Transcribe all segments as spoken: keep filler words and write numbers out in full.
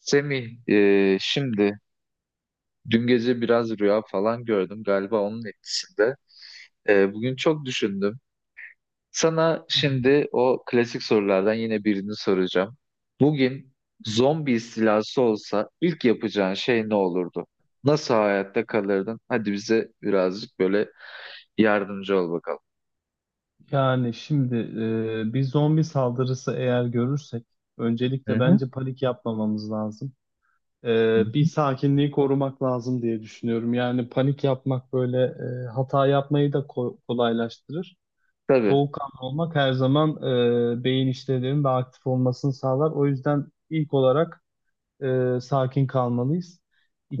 Semih, e, şimdi dün gece biraz rüya falan gördüm galiba onun etkisinde. E, bugün çok düşündüm. Sana Hı hı. şimdi o klasik sorulardan yine birini soracağım. Bugün zombi istilası olsa ilk yapacağın şey ne olurdu? Nasıl hayatta kalırdın? Hadi bize birazcık böyle yardımcı ol bakalım. Yani şimdi e, bir zombi saldırısı eğer görürsek Hı öncelikle hı. bence panik yapmamamız lazım. Hı hı. E, bir sakinliği korumak lazım diye düşünüyorum. Yani panik yapmak böyle e, hata yapmayı da ko- kolaylaştırır. Tabii. Soğukkanlı olmak her zaman e, beyin işlevlerinin daha aktif olmasını sağlar. O yüzden ilk olarak e, sakin kalmalıyız.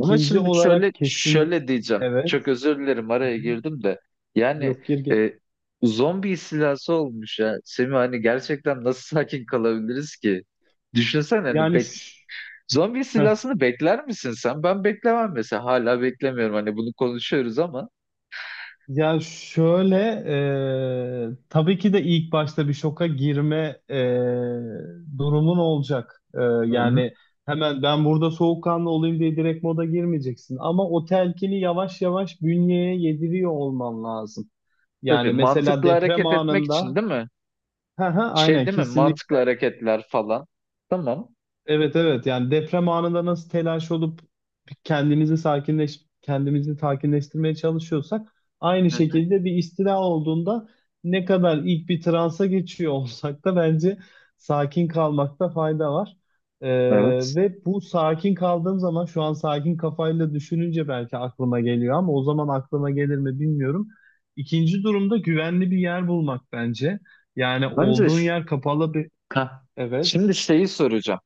Ama şimdi şöyle olarak kesinlik... şöyle diyeceğim. Evet. Çok özür dilerim Hı hı. araya girdim de. Yani Yok, gir gir. e, zombi istilası olmuş ya. Semih, hani gerçekten nasıl sakin kalabiliriz ki? Düşünsene, hani Yani... bek şş- zombi istilasını bekler misin sen? Ben beklemem mesela. Hala beklemiyorum. Hani bunu konuşuyoruz ama. Ya şöyle, e, tabii ki de ilk başta bir şoka girme e, durumun olacak. E, Hı hı. Yani hemen ben burada soğukkanlı olayım diye direkt moda girmeyeceksin. Ama o telkini yavaş yavaş bünyeye yediriyor olman lazım. Tabii, Yani mesela mantıklı deprem hareket etmek için anında, değil mi? hı hı, Şey aynen değil mi? kesinlikle. Mantıklı hareketler falan. Tamam. Evet, evet, yani deprem anında nasıl telaş olup kendimizi sakinleş kendimizi sakinleştirmeye çalışıyorsak aynı Hı hı. şekilde bir istila olduğunda ne kadar ilk bir transa geçiyor olsak da bence sakin kalmakta fayda var. Ee, Evet. Ve bu sakin kaldığım zaman şu an sakin kafayla düşününce belki aklıma geliyor ama o zaman aklıma gelir mi bilmiyorum. İkinci durumda güvenli bir yer bulmak bence. Yani Bence, olduğun yer kapalı bir heh, evet. şimdi şeyi soracağım.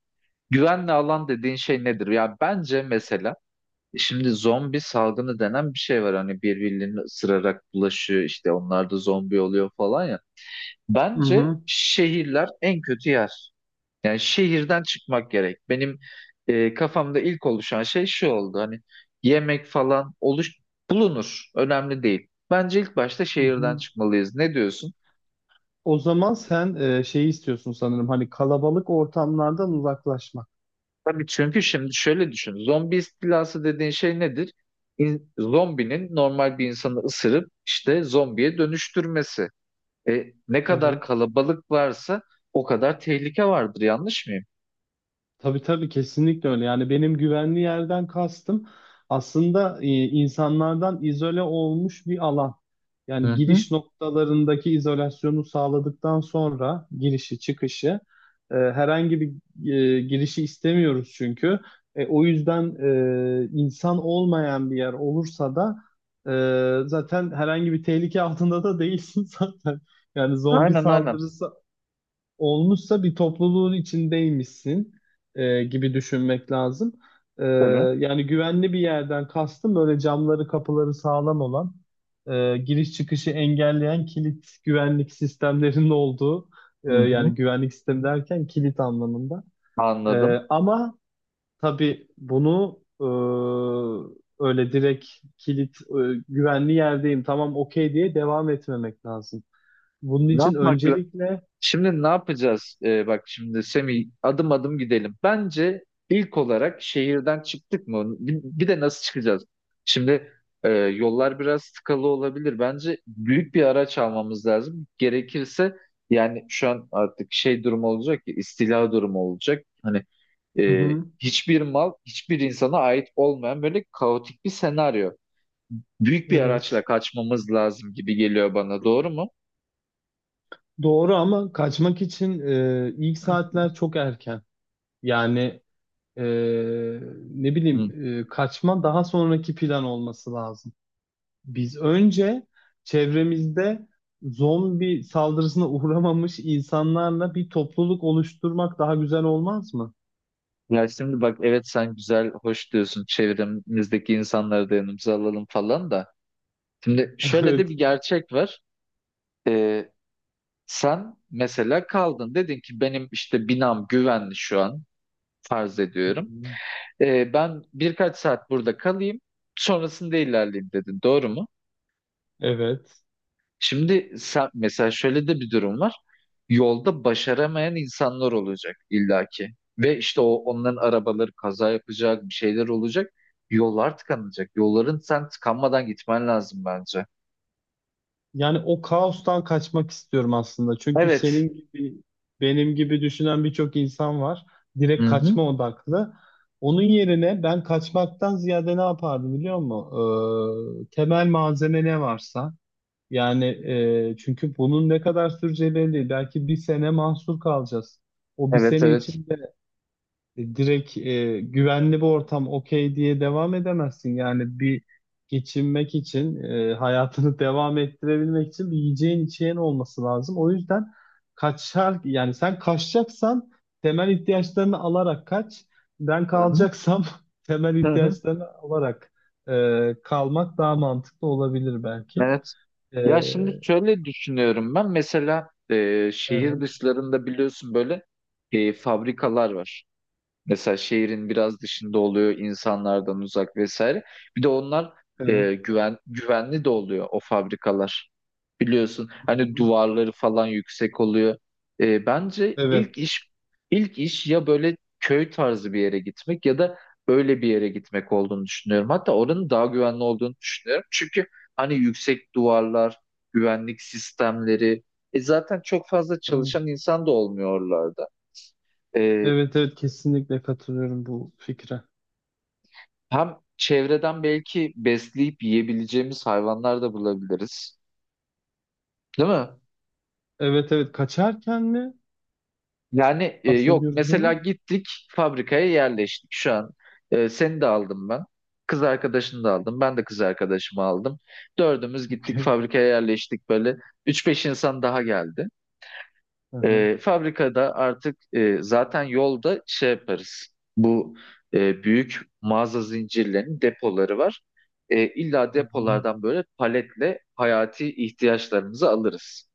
Güvenli alan dediğin şey nedir? Ya bence mesela şimdi zombi salgını denen bir şey var. Hani birbirlerini ısırarak bulaşıyor, işte onlar da zombi oluyor falan ya. Hı Bence hı. şehirler en kötü yer. Yani şehirden çıkmak gerek. Benim e, kafamda ilk oluşan şey şu oldu. Hani yemek falan oluş bulunur. Önemli değil. Bence ilk başta Hı şehirden hı. çıkmalıyız. Ne diyorsun? O zaman sen e, şeyi istiyorsun sanırım, hani kalabalık ortamlardan uzaklaşmak. Tabii, çünkü şimdi şöyle düşün. Zombi istilası dediğin şey nedir? İn- zombinin normal bir insanı ısırıp işte zombiye dönüştürmesi. E, ne kadar Evet. kalabalık varsa o kadar tehlike vardır. Yanlış mıyım? Tabii tabii, kesinlikle öyle. Yani benim güvenli yerden kastım aslında e, insanlardan izole olmuş bir alan. Hı Yani hı. giriş noktalarındaki izolasyonu sağladıktan sonra girişi çıkışı e, herhangi bir e, girişi istemiyoruz çünkü. E, o yüzden e, insan olmayan bir yer olursa da e, zaten herhangi bir tehlike altında da değilsin zaten. Yani zombi Aynen, aynen. saldırısı olmuşsa bir topluluğun içindeymişsin e, gibi düşünmek lazım. E, Tabii. Yani güvenli bir yerden kastım böyle camları kapıları sağlam olan e, giriş çıkışı engelleyen kilit güvenlik sistemlerinin olduğu e, Hı hı. yani güvenlik sistemi derken kilit anlamında. E, Anladım. ama tabii bunu e, öyle direkt kilit e, güvenli yerdeyim, tamam, okey diye devam etmemek lazım. Bunun Ne için yapmak lazım? öncelikle Şimdi ne yapacağız? Ee, bak şimdi Semih, adım adım gidelim. Bence ilk olarak şehirden çıktık mı? Bir, bir de nasıl çıkacağız? Şimdi e, yollar biraz sıkalı olabilir. Bence büyük bir araç almamız lazım. Gerekirse, yani şu an artık şey durumu olacak ki, istila durumu olacak. Hani hı e, hı, hiçbir mal, hiçbir insana ait olmayan böyle kaotik bir senaryo. Büyük bir araçla evet. kaçmamız lazım gibi geliyor bana. Doğru mu? Doğru ama kaçmak için e, ilk saatler çok erken. Yani e, ne Hı. bileyim e, kaçma daha sonraki plan olması lazım. Biz önce çevremizde zombi saldırısına uğramamış insanlarla bir topluluk oluşturmak daha güzel olmaz mı? Ya şimdi bak, evet, sen güzel, hoş diyorsun, çevremizdeki insanları da yanımıza alalım falan da. Şimdi şöyle de Evet. bir gerçek var. Ee, sen mesela kaldın, dedin ki benim işte binam güvenli şu an, farz Hı ediyorum. hı. Ee, ben birkaç saat burada kalayım, sonrasında ilerleyeyim dedin, doğru mu? Evet. Şimdi sen, mesela şöyle de bir durum var. Yolda başaramayan insanlar olacak illaki. Ve işte o onların arabaları kaza yapacak, bir şeyler olacak. Yollar tıkanacak. Yolların sen tıkanmadan gitmen lazım bence. Yani o kaostan kaçmak istiyorum aslında. Çünkü Evet. senin gibi, benim gibi düşünen birçok insan var. Direkt Hı-hı. kaçma odaklı. Onun yerine ben kaçmaktan ziyade ne yapardım biliyor musun? Ee, temel malzeme ne varsa. Yani e, çünkü bunun ne kadar süreceği belli değil. Belki bir sene mahsur kalacağız. O bir Evet, sene evet. için E, direkt e, güvenli bir ortam okey diye devam edemezsin. Yani bir geçinmek için, e, hayatını devam ettirebilmek için bir yiyeceğin içeceğin olması lazım. O yüzden kaçar, yani sen kaçacaksan temel ihtiyaçlarını alarak kaç. Ben Hı-hı. kalacaksam temel Hı-hı. ihtiyaçlarını alarak e, kalmak daha mantıklı olabilir belki. Evet. E, Ya şimdi şöyle düşünüyorum ben. Mesela e, şehir evet, dışlarında biliyorsun böyle e, fabrikalar var. Mesela şehrin biraz dışında oluyor, insanlardan uzak vesaire. Bir de onlar evet. e, güven güvenli de oluyor o fabrikalar. Biliyorsun Hı hani hı. duvarları falan yüksek oluyor. E, bence ilk Evet. iş ilk iş ya böyle köy tarzı bir yere gitmek ya da öyle bir yere gitmek olduğunu düşünüyorum. Hatta oranın daha güvenli olduğunu düşünüyorum. Çünkü hani yüksek duvarlar, güvenlik sistemleri, e, zaten çok fazla Hı. çalışan insan da olmuyorlardı. Evet, evet, kesinlikle katılıyorum bu fikre. Hem çevreden belki besleyip yiyebileceğimiz hayvanlar da bulabiliriz. Değil mi? Evet evet, kaçarken mi Yani e, yok, bahsediyoruz mesela bunu? gittik fabrikaya yerleştik şu an. E, seni de aldım ben. Kız arkadaşını da aldım. Ben de kız arkadaşımı aldım. Dördümüz gittik Okey. fabrikaya yerleştik böyle. Üç beş insan daha geldi. Hı hı. E, fabrikada artık e, zaten yolda şey yaparız. Bu e, büyük mağaza zincirlerinin depoları var. E, illa Hı hı. depolardan böyle paletle hayati ihtiyaçlarımızı alırız.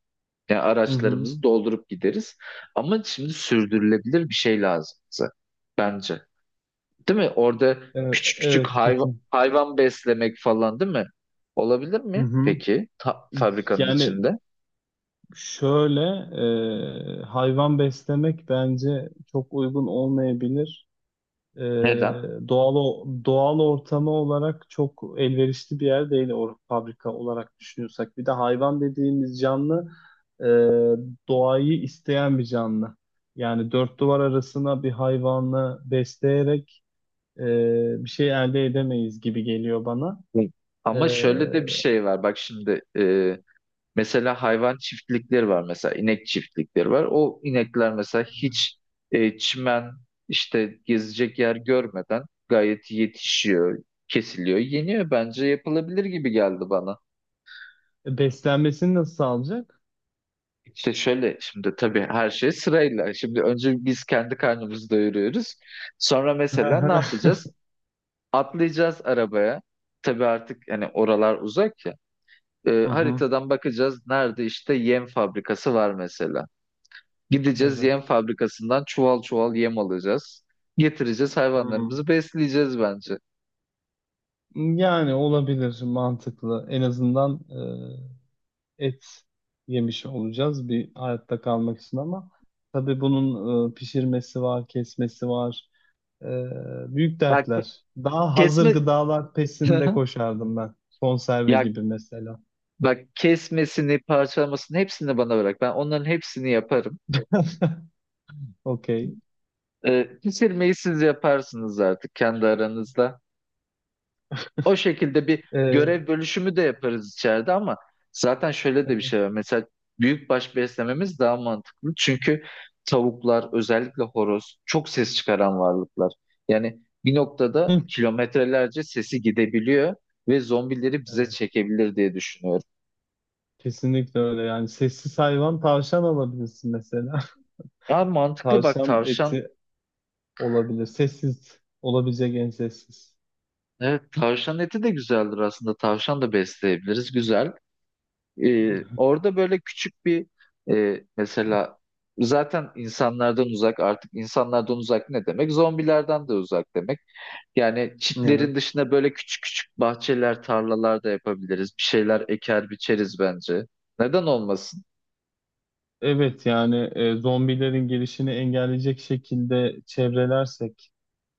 Yani Hı hı. araçlarımızı doldurup gideriz. Ama şimdi sürdürülebilir bir şey lazım bize. Bence. Değil mi? Orada Evet, küçük küçük evet, hayvan, kesin. hayvan beslemek falan değil mi? Olabilir Hı mi hı. peki? Ta- fabrikanın Yani içinde. şöyle e, hayvan beslemek bence çok uygun olmayabilir. E, Neden? Doğal o- doğal ortamı olarak çok elverişli bir yer değil or fabrika olarak düşünüyorsak. Bir de hayvan dediğimiz canlı e, doğayı isteyen bir canlı. Yani dört duvar arasına bir hayvanı besleyerek e, bir şey elde edemeyiz gibi geliyor bana. Hı. E, Ama şöyle de bir şey var. Bak şimdi e, mesela hayvan çiftlikleri var. Mesela inek çiftlikleri var. O inekler mesela hiç e, çimen, işte gezecek yer görmeden gayet yetişiyor, kesiliyor, yeniyor. Bence yapılabilir gibi geldi bana. Beslenmesini nasıl sağlayacak? İşte şöyle şimdi, tabii, her şey sırayla. Şimdi önce biz kendi karnımızı doyuruyoruz. Sonra mesela ne yapacağız? Atlayacağız arabaya. Tabii artık hani oralar uzak. E, Hı hı, haritadan bakacağız nerede işte yem fabrikası var mesela. Gideceğiz evet. yem fabrikasından çuval çuval yem alacağız. Getireceğiz, Hmm. hayvanlarımızı besleyeceğiz bence. Yani olabilir, mantıklı. En azından e, et yemiş olacağız bir hayatta kalmak için ama tabii bunun e, pişirmesi var, kesmesi var. E, Büyük Bak dertler. Daha hazır kesme gıdalar pesinde koşardım ben. Konserve ya gibi mesela. bak, kesmesini parçalamasını hepsini bana bırak. Ben onların hepsini yaparım. Okey. E, pişirmeyi siz yaparsınız artık kendi aranızda. O şekilde bir E, görev bölüşümü de yaparız içeride, ama zaten şöyle de bir evet. şey var. Mesela büyükbaş beslememiz daha mantıklı. Çünkü tavuklar, özellikle horoz, çok ses çıkaran varlıklar. Yani bir noktada Hı. kilometrelerce sesi gidebiliyor ve zombileri bize Evet. çekebilir diye düşünüyorum. Kesinlikle öyle, yani sessiz hayvan, tavşan alabilirsin mesela. Ya mantıklı, bak, Tavşan tavşan. eti olabilir. Sessiz olabilecek en sessiz. Evet, tavşan eti de güzeldir aslında. Tavşan da besleyebiliriz. Güzel. Ee, orada böyle küçük bir e, mesela, zaten insanlardan uzak, artık insanlardan uzak ne demek? Zombilerden de uzak demek. Yani Evet. çitlerin dışına böyle küçük küçük bahçeler, tarlalar da yapabiliriz. Bir şeyler eker biçeriz bence. Neden olmasın? Evet, yani e, zombilerin gelişini engelleyecek şekilde çevrelersek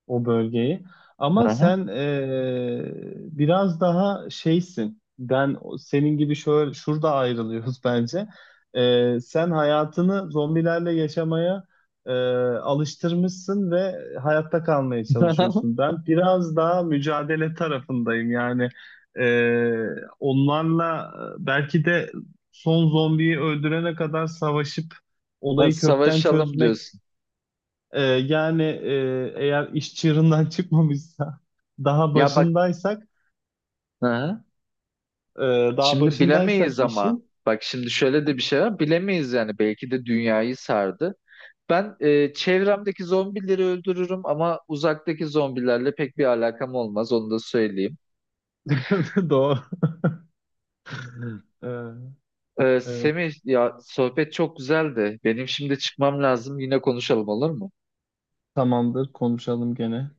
o bölgeyi. Ama Aha. sen eee, biraz daha şeysin. Ben senin gibi şöyle şurada ayrılıyoruz bence. Eee, sen hayatını zombilerle yaşamaya eee, alıştırmışsın ve hayatta kalmaya çalışıyorsun. Ben biraz daha mücadele tarafındayım. Yani eee, onlarla belki de son zombiyi öldürene kadar savaşıp Ha, olayı kökten savaşalım çözmek diyorsun. ee, yani e, eğer iş çığırından çıkmamışsa daha Ya bak, başındaysak aha. e, daha Şimdi bilemeyiz başındaysak ama işin bak şimdi şöyle de bir şey var. Bilemeyiz yani, belki de dünyayı sardı. Ben e, çevremdeki zombileri öldürürüm ama uzaktaki zombilerle pek bir alakam olmaz, onu da söyleyeyim. doğru. Ee, E, evet, Semih ya, sohbet çok güzeldi. Benim şimdi çıkmam lazım. Yine konuşalım, olur mu? tamamdır, konuşalım gene.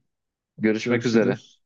Görüşmek üzere. Görüşürüz.